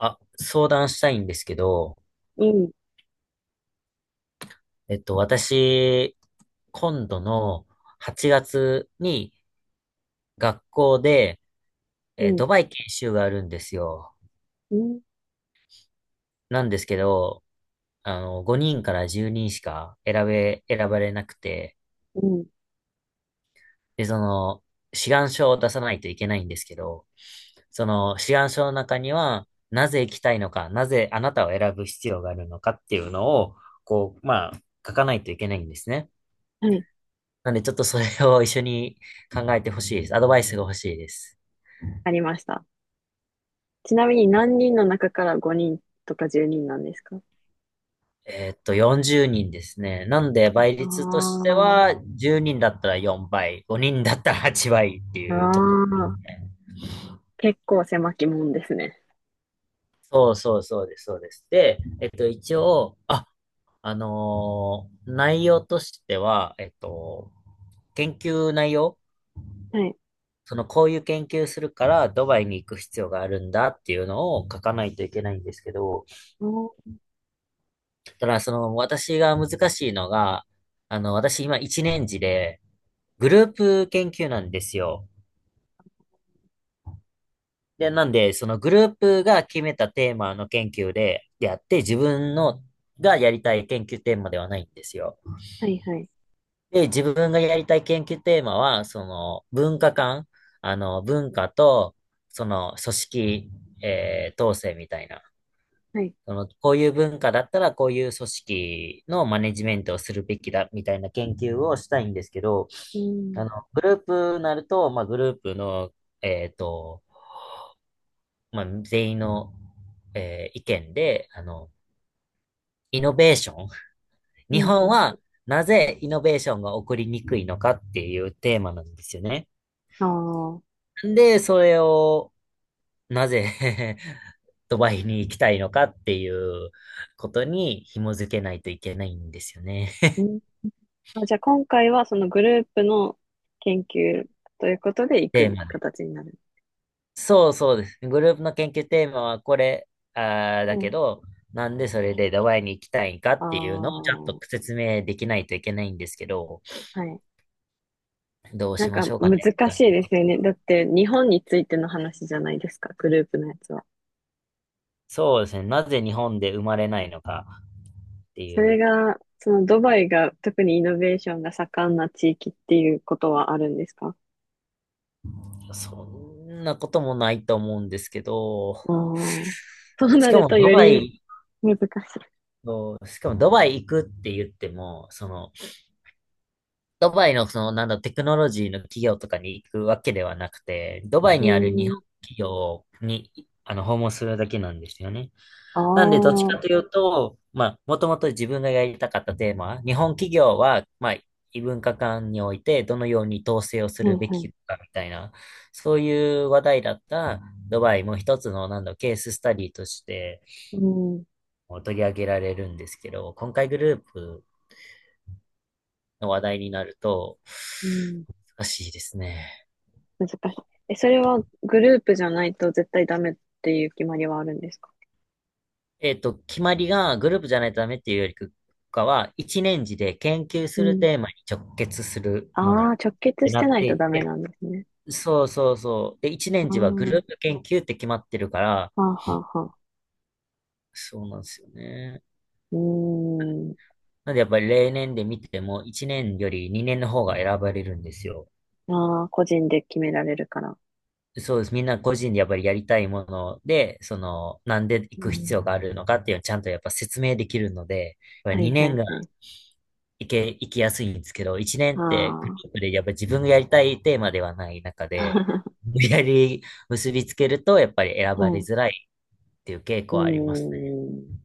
あ、相談したいんですけど、うん、私、今度の8月に学校で、うん、ドバイ研修があるんですよ。うん、なんですけど、5人から10人しか選べ、選ばれなくて、うん。で、その、志願書を出さないといけないんですけど、その志願書の中には、なぜ行きたいのか、なぜあなたを選ぶ必要があるのかっていうのを、こう、まあ、書かないといけないんですね。はい、なんで、ちょっとそれを一緒に考えてほしいです。アドバイスが欲しいです。ありました。ちなみに何人の中から5人とか10人なんですか？40人ですね。なんで、倍率としてあは、10人だったら4倍、5人だったら8倍ってあ、いうところであすあ、ね。結構狭き門ですね。そうそうそうです、そうです。で、一応、内容としては、研究内容、はい。その、こういう研究するから、ドバイに行く必要があるんだっていうのを書かないといけないんですけど、おー、ただから、その、私が難しいのが、私今一年次で、グループ研究なんですよ。で、なんで、そのグループが決めたテーマの研究で、やって、自分の、がやりたい研究テーマではないんですよ。はい、はい、で、自分がやりたい研究テーマは、その、文化間、文化と、その、組織、統制みたいな。はい。その、こういう文化だったら、こういう組織のマネジメントをするべきだ、みたいな研究をしたいんですけど、うん、グループになると、まあ、グループの、えっと、まあ、全員の、意見で、イノベーション。う日ん、う本ん。はなぜイノベーションが起こりにくいのかっていうテーマなんですよね。ああ、で、それを、なぜ ドバイに行きたいのかっていうことに紐づけないといけないんですよね。うん。あ、じゃあ今回はそのグループの研究ということで行テーくマね。形になる。そうそうです。グループの研究テーマはこれ、あはだけい。ど、なんでそれでドバイに行きたいんかあっあ、ていうのをちゃんはと説明できないといけないんですけど、い。どうなしんましかょうかねって難し感いでじ。すよね。だって日本についての話じゃないですか、グループのやつは。そうですね。なぜ日本で生まれないのかってそいれう、が、そのドバイが特にイノベーションが盛んな地域っていうことはあるんですか？そんなこともないと思うんですけど、ああー。そうしなかるもとドよバりイ、難しい。しかもドバイ行くって言っても、その、ドバイのその、なんだテクノロジーの企業とかに行くわけではなくて、ドバイうにある日ん。本企業に、訪問するだけなんですよね。ああ、なんで、どっちはかというと、まあ、もともと自分がやりたかったテーマ、日本企業は、まあ、異文化間においてどのように統制をすいるべはい。きかみたいな、そういう話題だったドバイも一つの、なんだケーススタディとしてうん。取り上げられるんですけど、今回グループの話題になると、うん。難しいですね。難しい。え、それはグループじゃないと絶対ダメっていう決まりはあるんですか？決まりがグループじゃないとダメっていうよりかは、一年次で研究うするん。テーマに直結するあものあ、っ直結てしなてっないてといダメて、なんですね。そうそうそう。で、一年ああ、次はグはループ研究って決まってるから、あはあはあ。そうなんですよね。うーん。なんでやっぱり例年で見ても、一年より二年の方が選ばれるんですよ。ああ、個人で決められるから。そうです。みんな個人でやっぱりやりたいもので、その、なんで行うく必要ん。があるのかっていうのをちゃんとやっぱ説明できるので、やっぱはいは2年いがはい。行きやすいんですけど、一年あってグルあ。ープでやっぱ自分がやりたいテーマではない中で、無理やり結びつけると、やっぱり選はばれい。づらいっていう傾う向はありますね。ーん。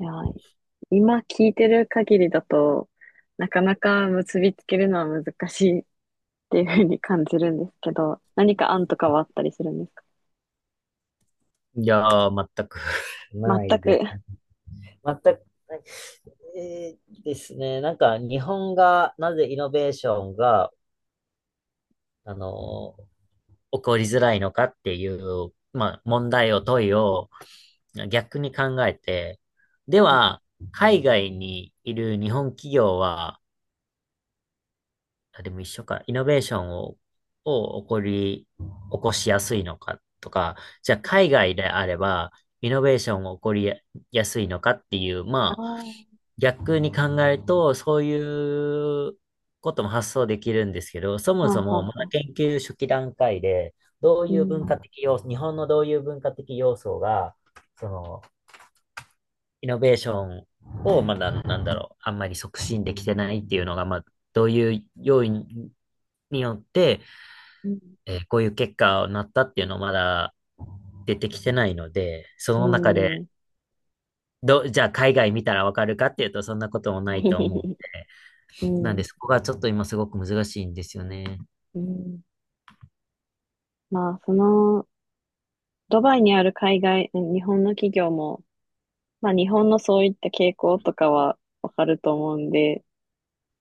いや、今聞いてる限りだと、なかなか結びつけるのは難しいっていうふうに感じるんですけど、何か案とかはあったりするんですか？いや全く な全いく。です。は全くない。ですね。なんか、日本が、なぜイノベーションが、あの起こりづらいのかっていう、まあ、問いを逆に考えて、でい。は、海外にいる日本企業は、あ、でも一緒か。イノベーションを、を起こり、起こしやすいのかとか、じゃあ海外であれば、イノベーションを起こりやすいのかっていう、あまあ、あ、は逆に考えると、そういうことも発想できるんですけど、そあもそはも、まあだはあ。研究初期段階で、どうういう文化ん。的要素、日本のどういう文化的要素が、その、イノベーションをまだ、なんだろう、あんまり促進できてないっていうのが、まあ、どういう要因によって、うん。こういう結果になったっていうのまだ出てきてないので、そうの中で、ん。じゃあ海外見たらわかるかっていうと、そんなこともないと思うの うで、なんでん。そこがちょっと今すごく難しいんですよね。うん。まあ、その、ドバイにある海外、日本の企業も、まあ、日本のそういった傾向とかはわかると思うんで、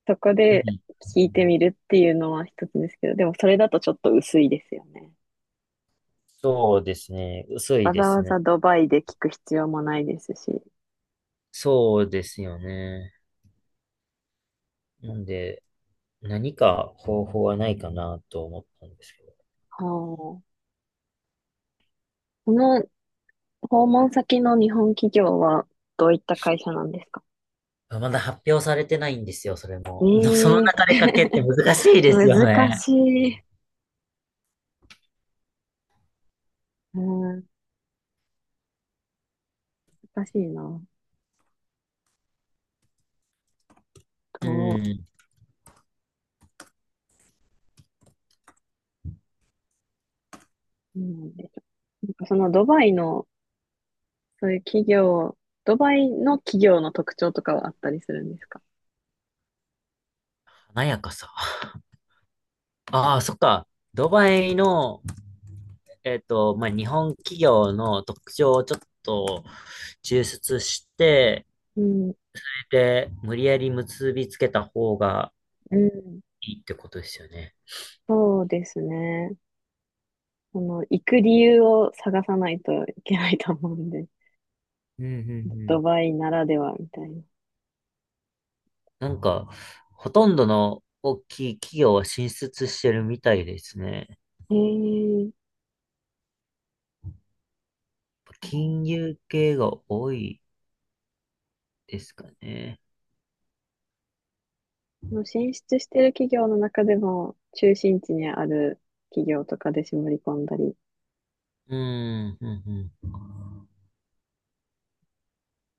そこうでん。聞いてみるっていうのは一つですけど、でもそれだとちょっと薄いですよね。そうですね。薄いわざでわすね。ざドバイで聞く必要もないですし。そうですよね。なんで、何か方法はないかなと思ったんですけど。はあ。この訪問先の日本企業はどういった会社なんですか？まあまだ発表されてないんですよ、それえも。のそのえ中ー、で書けって難しいですよ難ね。しい。うん、難しいな。うどうん。なんでしょう。なんかそのドバイの、そういう企業、ドバイの企業の特徴とかはあったりするんですか？華やかさ。ああ、そっか。ドバイの、まあ、日本企業の特徴をちょっと抽出して、うん、で、無理やり結びつけた方がうん、いいってことですよね。そうですね。その、行く理由を探さないといけないと思うんで、うんうんう ドん。バイならではみたいな。なんか、ほとんどの大きい企業は進出してるみたいですね。へえ。金融系が多いですかね。もう進出してる企業の中でも、中心地にある企業とかで絞り込んだり。うん、うん、うん。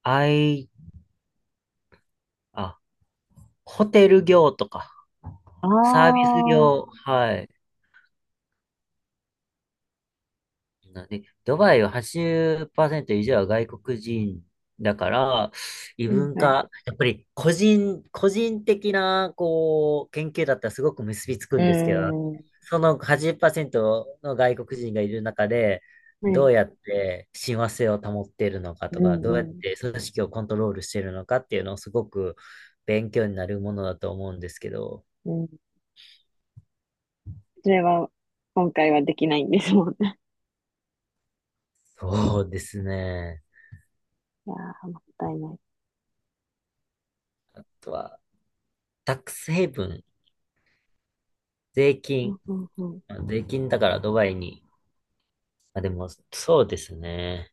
あい、あ、ホテル業とか、あサービスあ、う、業、はい。なんで、ドバイは80%以上は外国人だから、異はい文はい。化、やっぱり個人的な、こう、研究だったらすごく結びつくーんですけど、ん、うその80%の外国人がいる中で、ーん、はどい。うやって親和性を保っているのかうとか、んどうやっうて組織をコントロールしているのかっていうのをすごく勉強になるものだと思うんですけど、ん、うん。それは、今回はできないんですもんね。そうですね。いやー、もったいない。あとは、タックスヘイブン、税う金。んうんうん。あ税金だからドバイに。あ、でも、そうですね。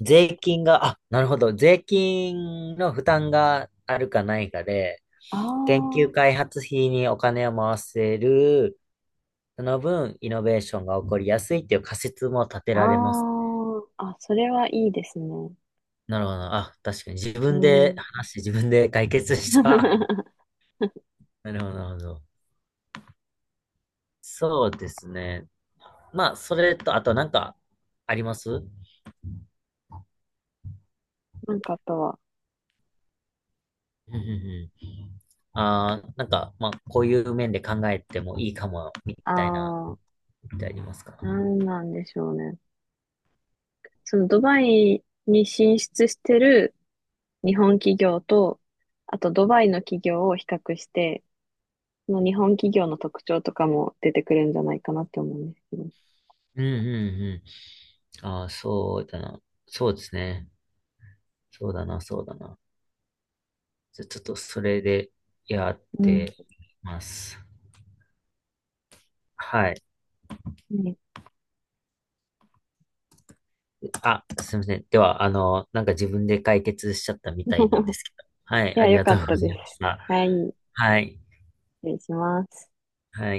税金が、あ、なるほど。税金の負担があるかないかで、研あ究開発費にお金を回せる、その分、イノベーションが起こりやすいっていう仮説も立てあ、られます。ああ、あ、それはいいですね。なるほど。あ、確かに自う分でん。話して自分で解決した。なるほど、なるほど。そうですね。まあ、それと、あとなんか、あります。うんなんかあとは、うんうん。 ああ、なんか、まあ、こういう面で考えてもいいかも、みた、たいな、あってありますか？あ、なんなんでしょうね。そのドバイに進出してる日本企業と、あとドバイの企業を比較して、その日本企業の特徴とかも出てくるんじゃないかなって思うんですけど。うんうんうん。ああ、そうだな。そうですね。そうだな、そうだな。じゃ、ちょっとそれでやっうん。てます。はい。うんね。 あ、すいません。では、なんか自分で解決しちゃったみたいなんで すけど。はい、いあや、りよがかとうっございたです。ました。はい、失はい。礼します。はい。